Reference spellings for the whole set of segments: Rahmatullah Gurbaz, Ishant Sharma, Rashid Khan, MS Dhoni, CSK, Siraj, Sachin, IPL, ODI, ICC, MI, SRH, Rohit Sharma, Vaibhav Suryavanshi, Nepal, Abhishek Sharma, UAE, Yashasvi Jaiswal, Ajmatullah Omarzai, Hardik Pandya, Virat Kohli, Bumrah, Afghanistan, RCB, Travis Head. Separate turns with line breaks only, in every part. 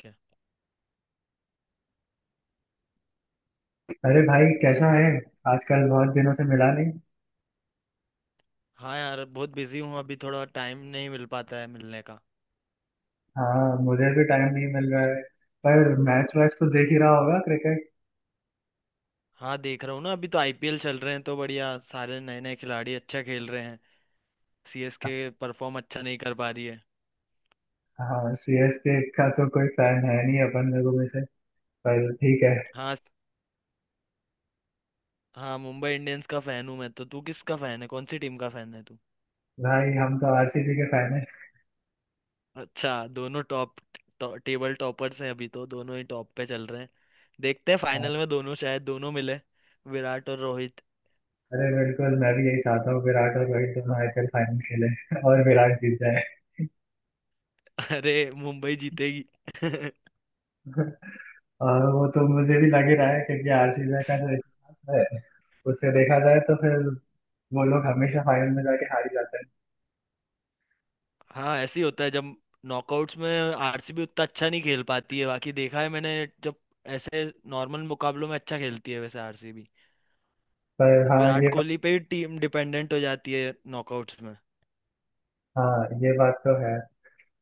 क्या।
अरे भाई कैसा है। आजकल बहुत दिनों से मिला नहीं।
हाँ यार, बहुत बिजी हूँ। अभी थोड़ा टाइम नहीं मिल पाता है मिलने का।
हाँ मुझे भी टाइम नहीं मिल रहा है। पर मैच वैच तो देख ही रहा होगा क्रिकेट।
हाँ, देख रहा हूँ ना। अभी तो आईपीएल चल रहे हैं तो बढ़िया सारे नए नए खिलाड़ी अच्छा खेल रहे हैं। सीएसके परफॉर्म अच्छा नहीं कर पा रही है।
हाँ सीएसके का तो कोई फैन है नहीं अपन लोगों में से। पर ठीक है।
हाँ हाँ, मुंबई इंडियंस का फैन हूँ मैं तो। तू किसका फैन है? कौन सी टीम का फैन है तू?
भाई हम तो आरसीबी के फैन हैं।
अच्छा। दोनों टॉप टेबल टॉपर्स हैं अभी तो। दोनों ही टॉप पे चल रहे हैं। देखते हैं फाइनल
हाँ,
में दोनों, शायद दोनों मिले। विराट और रोहित।
अरे बिल्कुल मैं भी यही चाहता हूँ विराट और रोहित दोनों आईपीएल फाइनल खेले। और विराट जीत जाए।
अरे मुंबई जीतेगी।
और वो तो मुझे भी लग ही रहा है क्योंकि आरसीबी का जो इतिहास है उसे देखा जाए तो फिर वो लोग हमेशा फाइनल में जाके हार ही जाते हैं।
हाँ ऐसे ही होता है जब नॉकआउट्स में आरसीबी उतना अच्छा नहीं खेल पाती है। बाकी देखा है मैंने, जब ऐसे नॉर्मल मुकाबलों में अच्छा खेलती है वैसे आरसीबी।
पर हाँ
विराट
ये।
कोहली पे ही टीम डिपेंडेंट हो जाती है नॉकआउट्स में।
हाँ ये बात तो है।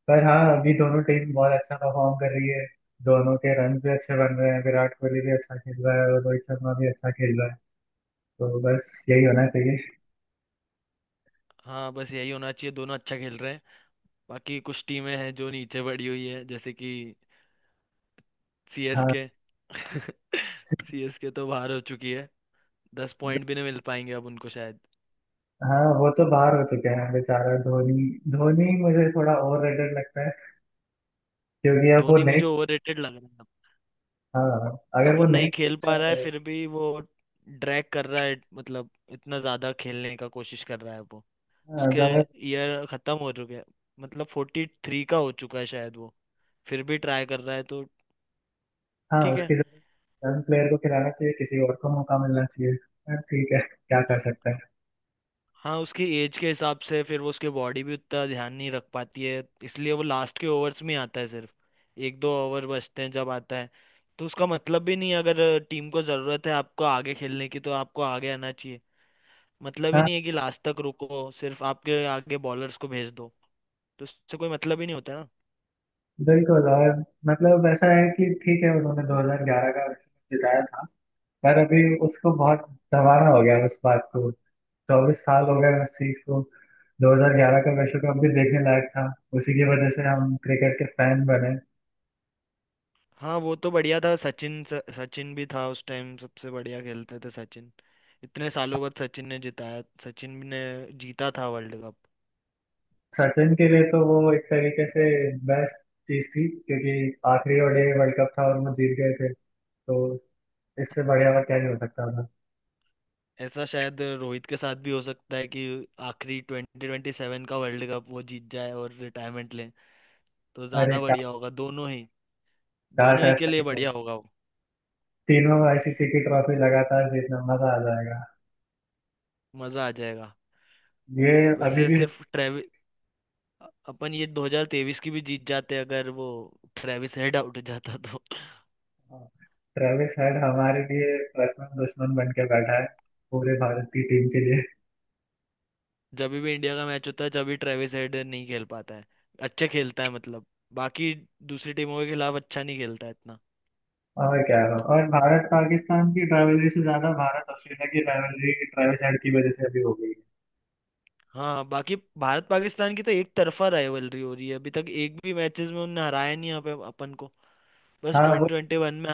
पर हाँ अभी दोनों टीम बहुत अच्छा परफॉर्म कर रही है। दोनों के रन भी अच्छे बन रहे हैं, विराट कोहली भी अच्छा खेल रहा है और रोहित शर्मा भी अच्छा खेल रहा है। तो बस यही होना चाहिए।
हाँ बस यही होना चाहिए, दोनों अच्छा खेल रहे हैं। बाकी कुछ टीमें हैं जो नीचे पड़ी हुई है, जैसे कि
हाँ।
सीएसके। सीएसके तो बाहर हो चुकी है। 10 पॉइंट भी नहीं मिल पाएंगे अब उनको शायद।
हाँ वो तो बाहर हो चुके हैं बेचारा धोनी। धोनी मुझे थोड़ा ओवर रेटेड लगता है क्योंकि अब वो
धोनी
नहीं।
मुझे ओवररेटेड लग रहा है।
हाँ अगर
अब वो
वो नहीं
नहीं खेल
खेलता
पा रहा है
है।
फिर भी वो ड्रैग कर रहा है, मतलब इतना ज्यादा खेलने का कोशिश कर रहा है वो।
हाँ
उसके
जब।
ईयर खत्म हो चुके हैं, मतलब 43 का हो चुका है शायद वो। फिर भी ट्राई कर रहा है तो
हाँ
ठीक है।
उसकी जगह यंग प्लेयर को खिलाना चाहिए, किसी और को मौका मिलना चाहिए। हाँ, ठीक है क्या कर सकते हैं।
हाँ उसकी एज के हिसाब से फिर, वो उसकी बॉडी भी उतना ध्यान नहीं रख पाती है, इसलिए वो लास्ट के ओवर्स में ही आता है सिर्फ। एक दो ओवर बचते हैं जब आता है। तो उसका मतलब भी नहीं है, अगर टीम को ज़रूरत है आपको आगे खेलने की तो आपको आगे आना चाहिए। मतलब ही
हाँ,
नहीं है कि लास्ट तक रुको, सिर्फ आपके आगे बॉलर्स को भेज दो। तो उससे कोई मतलब ही नहीं होता ना।
बिल्कुल। और मतलब ऐसा है कि ठीक है उन्होंने 2011 का विश्व कप जिताया था। पर अभी उसको बहुत दबाना हो गया है उस बात को। 24 साल हो गए उस चीज को। 2011 का विश्व कप भी देखने लायक था। उसी की वजह से हम क्रिकेट के फैन बने।
हाँ वो तो बढ़िया था। सचिन सचिन भी था उस टाइम, सबसे बढ़िया खेलते थे सचिन। इतने सालों बाद सचिन ने जिताया, सचिन ने जीता था वर्ल्ड कप।
सचिन के लिए तो वो एक तरीके से बेस्ट चीज थी क्योंकि आखिरी ओडीआई वर्ल्ड कप था और वो जीत गए थे। तो इससे बढ़िया और क्या ही हो सकता था।
ऐसा शायद रोहित के साथ भी हो सकता है कि आखिरी 2027 का वर्ल्ड कप वो जीत जाए और रिटायरमेंट ले तो
अरे
ज़्यादा बढ़िया होगा दोनों ही।
काश
दोनों ही के
ऐसा
लिए
ही हो।
बढ़िया होगा वो।
तीनों आईसीसी की ट्रॉफी लगातार जीतना, मजा आ जाएगा।
मज़ा आ जाएगा।
ये अभी
वैसे
भी।
सिर्फ अपन ये 2023 की भी जीत जाते, अगर वो ट्रेविस हेड आउट हो जाता तो।
ट्रेविस हेड हमारे लिए पर्सनल दुश्मन बन के बैठा है, पूरे भारत की टीम के लिए।
जब भी इंडिया का मैच होता है जब भी ट्रेविस हेड नहीं खेल पाता है, अच्छा खेलता है मतलब। बाकी दूसरी टीमों के खिलाफ अच्छा नहीं खेलता है इतना।
और क्या हो। और भारत पाकिस्तान की rivalry से ज्यादा भारत ऑस्ट्रेलिया की rivalry ट्रेविस हेड की वजह से अभी हो गई है।
हाँ बाकी भारत पाकिस्तान की तो एक तरफा राइवलरी हो रही है, अभी तक एक भी मैचेस में उन्होंने हराया नहीं यहाँ पे अपन को। बस
हाँ
ट्वेंटी
वो।
ट्वेंटी वन में,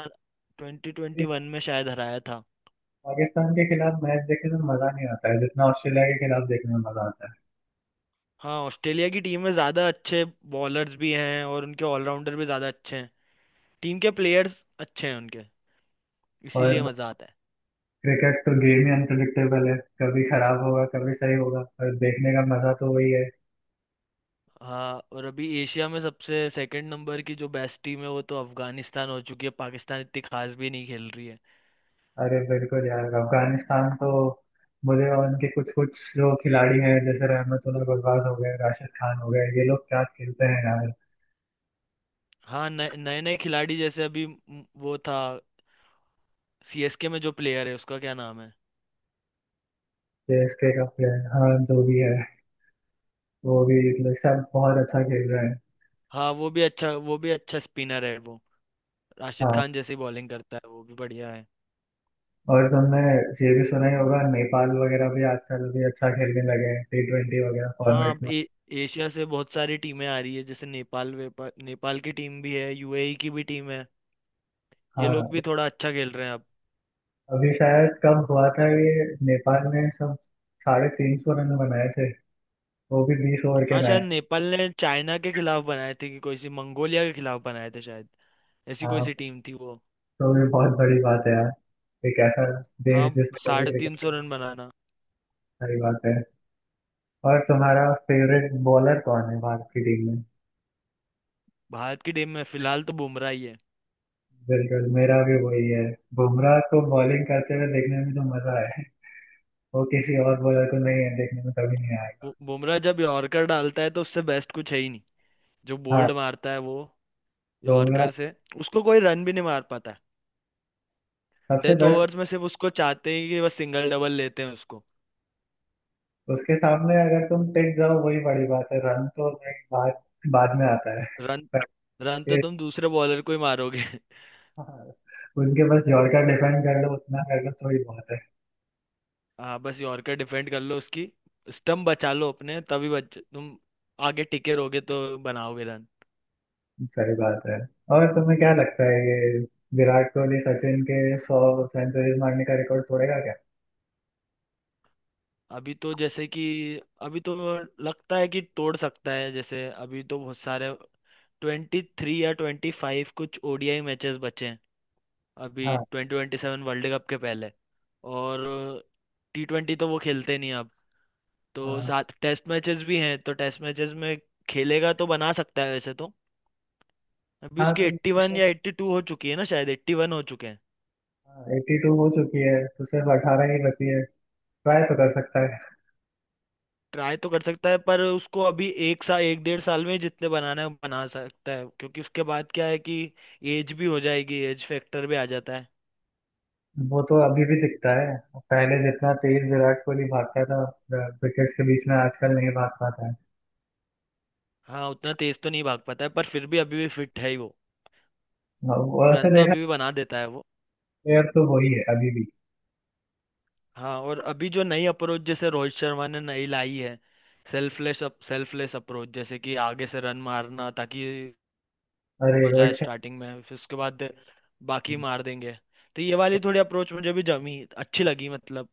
ये
शायद हराया था।
पाकिस्तान के खिलाफ मैच देखने में मजा नहीं आता है जितना ऑस्ट्रेलिया के खिलाफ देखने में मजा आता है।
हाँ ऑस्ट्रेलिया की टीम में ज़्यादा अच्छे बॉलर्स भी हैं और उनके ऑलराउंडर भी ज़्यादा अच्छे हैं। टीम के प्लेयर्स अच्छे हैं उनके, इसीलिए
और
मज़ा आता है।
क्रिकेट तो गेम ही अनप्रिडिक्टेबल है। कभी खराब होगा कभी सही होगा। और देखने का मजा तो वही है।
हाँ और अभी एशिया में सबसे सेकंड नंबर की जो बेस्ट टीम है वो तो अफगानिस्तान हो चुकी है, पाकिस्तान इतनी खास भी नहीं खेल रही है।
अरे बिल्कुल यार अफगानिस्तान तो। मुझे और उनके कुछ कुछ जो खिलाड़ी हैं जैसे रहमतुल्लाह गुरबाज हो गए राशिद खान हो गए, ये लोग क्या खेलते हैं यार।
हाँ नए नए नए खिलाड़ी, जैसे अभी वो था सीएसके में जो प्लेयर है उसका क्या नाम है।
सीएसके का प्लेयर हाँ जो भी है वो भी मतलब सब बहुत अच्छा खेल रहे हैं।
हाँ वो भी अच्छा स्पिनर है वो, राशिद
हाँ।
खान जैसी बॉलिंग करता है, वो भी बढ़िया है।
और तुमने ये भी सुना ही होगा नेपाल वगैरह भी आजकल भी अच्छा खेलने लगे हैं T20 वगैरह
हाँ
फॉर्मेट
अब
में।
एशिया से बहुत सारी टीमें आ रही है, जैसे नेपाल नेपाल की टीम भी है, यूएई की भी टीम है। ये लोग
हाँ।
भी थोड़ा अच्छा खेल रहे हैं।
अभी शायद कब हुआ था ये। नेपाल ने सब 350 रन बनाए थे, वो भी 20 ओवर
हाँ
के
शायद
मैच।
नेपाल ने चाइना के खिलाफ बनाए थे कि कोई सी मंगोलिया के खिलाफ बनाए थे शायद, ऐसी कोई सी
हाँ
टीम थी वो।
तो ये बहुत बड़ी बात है यार, एक ऐसा
हाँ
देश जिसका भी
साढ़े तीन
क्रिकेट।
सौ रन बनाना।
बड़ी बात है। और तुम्हारा फेवरेट बॉलर कौन है भारत की टीम में।
भारत की टीम में फिलहाल तो बुमराह ही है।
बिल्कुल मेरा भी वही है। बुमराह को बॉलिंग करते हुए देखने में तो मजा है वो किसी और बॉलर को नहीं है, देखने में कभी नहीं आएगा।
बुमराह जब यॉर्कर डालता है तो उससे बेस्ट कुछ है ही नहीं। जो
हाँ।
बोल्ड मारता है वो
बुमराह
यॉर्कर से, उसको कोई रन भी नहीं मार पाता है।
सबसे
डेथ
बेस्ट।
ओवर्स में सिर्फ उसको चाहते हैं कि बस सिंगल डबल लेते हैं उसको।
उसके सामने अगर तुम टिक जाओ वही बड़ी बात है, रन तो नहीं, बाद बाद में आता है।
रन
पर
रन तो
ये-
तुम दूसरे बॉलर को ही मारोगे।
हाँ, उनके पास यॉर्कर डिफेंड कर लो उतना कर लो तो ही बहुत है।
हाँ बस यॉर्कर डिफेंड कर लो उसकी, स्टंप बचा लो अपने, तभी बच, तुम आगे टिके रहोगे तो बनाओगे रन।
सही बात है। और तुम्हें क्या लगता है ये विराट कोहली सचिन के 100 सेंचुरीज मारने का रिकॉर्ड तोड़ेगा क्या।
अभी तो जैसे कि अभी तो लगता है कि तोड़ सकता है, जैसे अभी तो बहुत सारे 23 या 25 कुछ ओडीआई मैचेस बचे हैं अभी
हाँ।
2027 वर्ल्ड कप के पहले। और टी ट्वेंटी तो वो खेलते नहीं अब तो।
हाँ।
7 टेस्ट मैचेस भी हैं तो टेस्ट मैचेस में खेलेगा तो बना सकता है वैसे तो। अभी
हाँ
उसकी एट्टी
तो
वन या 82 हो चुकी है ना, शायद 81 हो चुके हैं।
82 हो चुकी है तो सिर्फ 18 ही बची है। ट्राई तो कर सकता है।
ट्राई तो कर सकता है, पर उसको अभी एक साल, एक डेढ़ साल में जितने बनाना है वो बना सकता है, क्योंकि उसके बाद क्या है कि एज भी हो जाएगी, एज फैक्टर भी आ जाता है।
वो तो अभी भी दिखता है। पहले जितना तेज विराट कोहली भागता था विकेट्स के बीच में आजकल नहीं भाग पाता है।
हाँ उतना तेज तो नहीं भाग पाता है पर फिर भी अभी भी फिट है ही वो।
वैसे
रन तो
देखा।
अभी भी बना देता है वो।
प्लेयर तो वही है अभी भी।
हाँ और अभी जो नई अप्रोच जैसे रोहित शर्मा ने नई लाई है, सेल्फलेस अप्रोच, जैसे कि आगे से रन मारना ताकि
अरे
हो जाए
रोहित
स्टार्टिंग में, फिर उसके बाद बाकी
शर्मा।
मार देंगे। तो ये वाली थोड़ी अप्रोच मुझे भी जमी, अच्छी लगी मतलब।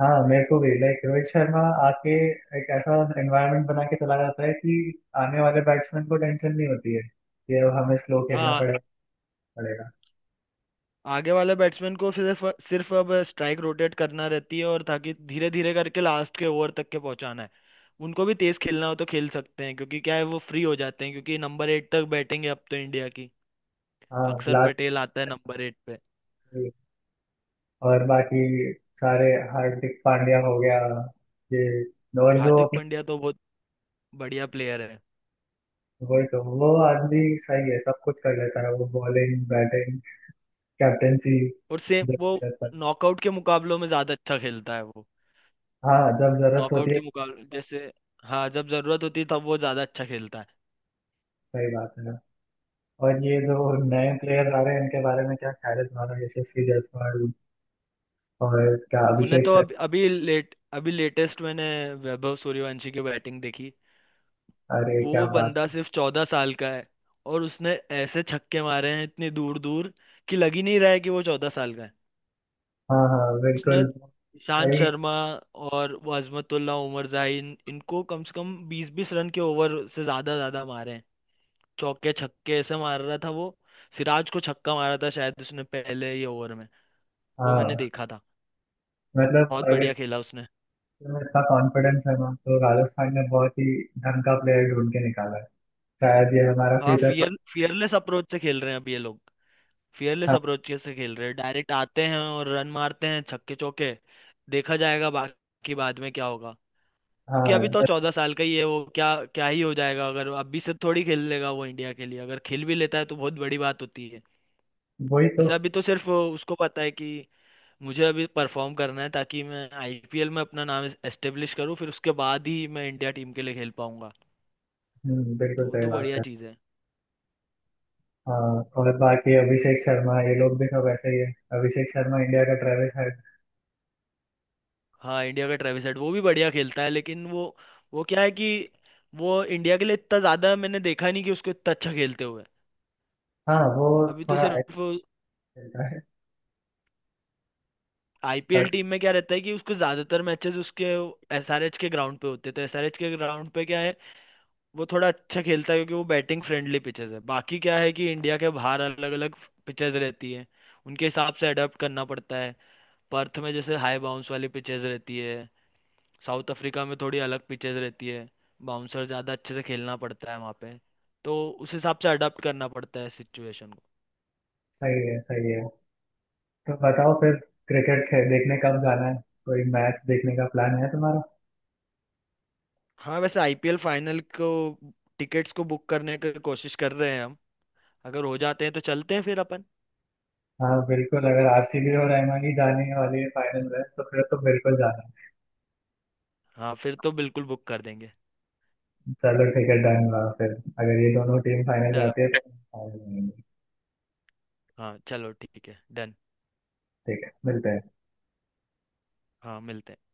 हाँ मेरे को भी लाइक रोहित शर्मा आके एक ऐसा एनवायरनमेंट बना के चला जाता है कि आने वाले बैट्समैन को टेंशन नहीं होती है कि अब हमें स्लो खेलना
हाँ
पड़ेगा।
आगे वाले बैट्समैन को सिर्फ सिर्फ अब स्ट्राइक रोटेट करना रहती है और ताकि धीरे धीरे करके लास्ट के ओवर तक के पहुंचाना है। उनको भी तेज खेलना हो तो खेल सकते हैं, क्योंकि क्या है वो फ्री हो जाते हैं क्योंकि नंबर 8 तक बैटिंग है अब तो इंडिया की।
हाँ
अक्षर
लास्ट।
पटेल आता है नंबर 8 पे।
और बाकी सारे हार्दिक पांड्या हो गया, ये और जो
हार्दिक
अपने
पांड्या तो बहुत बढ़िया प्लेयर है।
वही तो वो आदमी सही है सब कुछ कर लेता है वो बॉलिंग बैटिंग कैप्टेंसी
और सेम
जब
वो
जरूरत पड़े।
नॉकआउट के मुकाबलों में ज्यादा अच्छा खेलता है वो।
हाँ जब जरूरत होती
नॉकआउट
है।
के मुकाबले जैसे, हाँ जब जरूरत होती है तब वो ज्यादा अच्छा खेलता है।
सही बात है। और ये जो नए प्लेयर्स आ रहे हैं इनके बारे में क्या ख्याल है तुम्हारा, यशस्वी जायसवाल और इसका
मैंने
अभिषेक
तो
सर।
अभी अभी लेटेस्ट मैंने वैभव सूर्यवंशी की बैटिंग देखी।
अरे
वो
क्या बात।
बंदा सिर्फ 14 साल का है, और उसने ऐसे छक्के मारे हैं इतनी दूर दूर कि लग ही नहीं रहा है कि वो 14 साल का है।
हाँ हाँ
उसने
बिल्कुल।
ईशांत
सही।
शर्मा और वो अजमतुल्ला उमर जाहिन, इनको कम से कम बीस बीस रन के ओवर से ज्यादा ज्यादा मारे हैं। चौके छक्के ऐसे मार रहा था वो। सिराज को छक्का मारा था शायद उसने पहले ही ओवर में, वो मैंने
हाँ
देखा था।
मतलब
बहुत
अगर
बढ़िया खेला उसने।
तुम्हें इतना कॉन्फिडेंस है ना तो राजस्थान ने बहुत ही ढंग का प्लेयर ढूंढ के निकाला है, शायद ये हमारा
हाँ
फ्यूचर।
फियरलेस अप्रोच से खेल रहे हैं अब ये लोग। फियरलेस
हाँ।
अप्रोच से खेल रहे हैं, डायरेक्ट आते हैं और रन मारते हैं छक्के चौके। देखा जाएगा बाकी, बाद में क्या होगा। क्योंकि अभी तो
हाँ
14 साल का ही है वो। क्या क्या ही हो जाएगा, अगर अभी से थोड़ी खेल लेगा वो इंडिया के लिए, अगर खेल भी लेता है तो बहुत बड़ी बात होती है।
वही तो।
वैसे अभी तो सिर्फ उसको पता है कि मुझे अभी परफॉर्म करना है ताकि मैं आईपीएल में अपना नाम एस्टेब्लिश करूँ, फिर उसके बाद ही मैं इंडिया टीम के लिए खेल पाऊंगा। तो
बिल्कुल
वो
सही
तो
बात
बढ़िया
है।
चीज़ है।
हाँ। और बाकी अभिषेक शर्मा ये लोग भी सब ऐसे ही है। अभिषेक शर्मा इंडिया का ट्रेविस हेड।
हाँ इंडिया का ट्रेविस हेड वो भी बढ़िया खेलता है, लेकिन वो क्या है कि वो इंडिया के लिए इतना ज्यादा मैंने देखा नहीं कि उसको इतना अच्छा खेलते हुए।
हाँ वो
अभी तो
थोड़ा ऐसे
सिर्फ
खेलता है
आईपीएल
पर।
टीम में क्या रहता है कि उसको ज्यादातर मैचेस उसके एसआरएच के ग्राउंड पे होते हैं, तो एसआरएच के ग्राउंड पे क्या है वो थोड़ा अच्छा खेलता है, क्योंकि वो बैटिंग फ्रेंडली पिचेस है। बाकी क्या है कि इंडिया के बाहर अलग अलग पिचेस रहती है, उनके हिसाब से अडेप्ट करना पड़ता है। पर्थ में जैसे हाई बाउंस वाली पिचेस रहती है। साउथ अफ्रीका में थोड़ी अलग पिचेस रहती है, बाउंसर ज़्यादा अच्छे से खेलना पड़ता है वहाँ पे। तो उस हिसाब से अडाप्ट करना पड़ता है सिचुएशन को।
सही है सही है। तो बताओ फिर, क्रिकेट देखने कब जाना है, कोई मैच देखने का प्लान है तुम्हारा।
हाँ वैसे आईपीएल फाइनल को टिकट्स को बुक करने की कोशिश कर रहे हैं हम, अगर हो जाते हैं तो चलते हैं फिर अपन।
हाँ बिल्कुल अगर आरसीबी और एमआई ही जाने वाली है फाइनल में तो फिर तो बिल्कुल जाना है।
हाँ फिर तो बिल्कुल बुक कर देंगे।
चलो ठीक है डन हुआ फिर, अगर ये दोनों टीम फाइनल
चलो,
जाती है तो फाइनल।
हाँ चलो ठीक है डन।
ठीक है मिलते हैं।
हाँ मिलते हैं।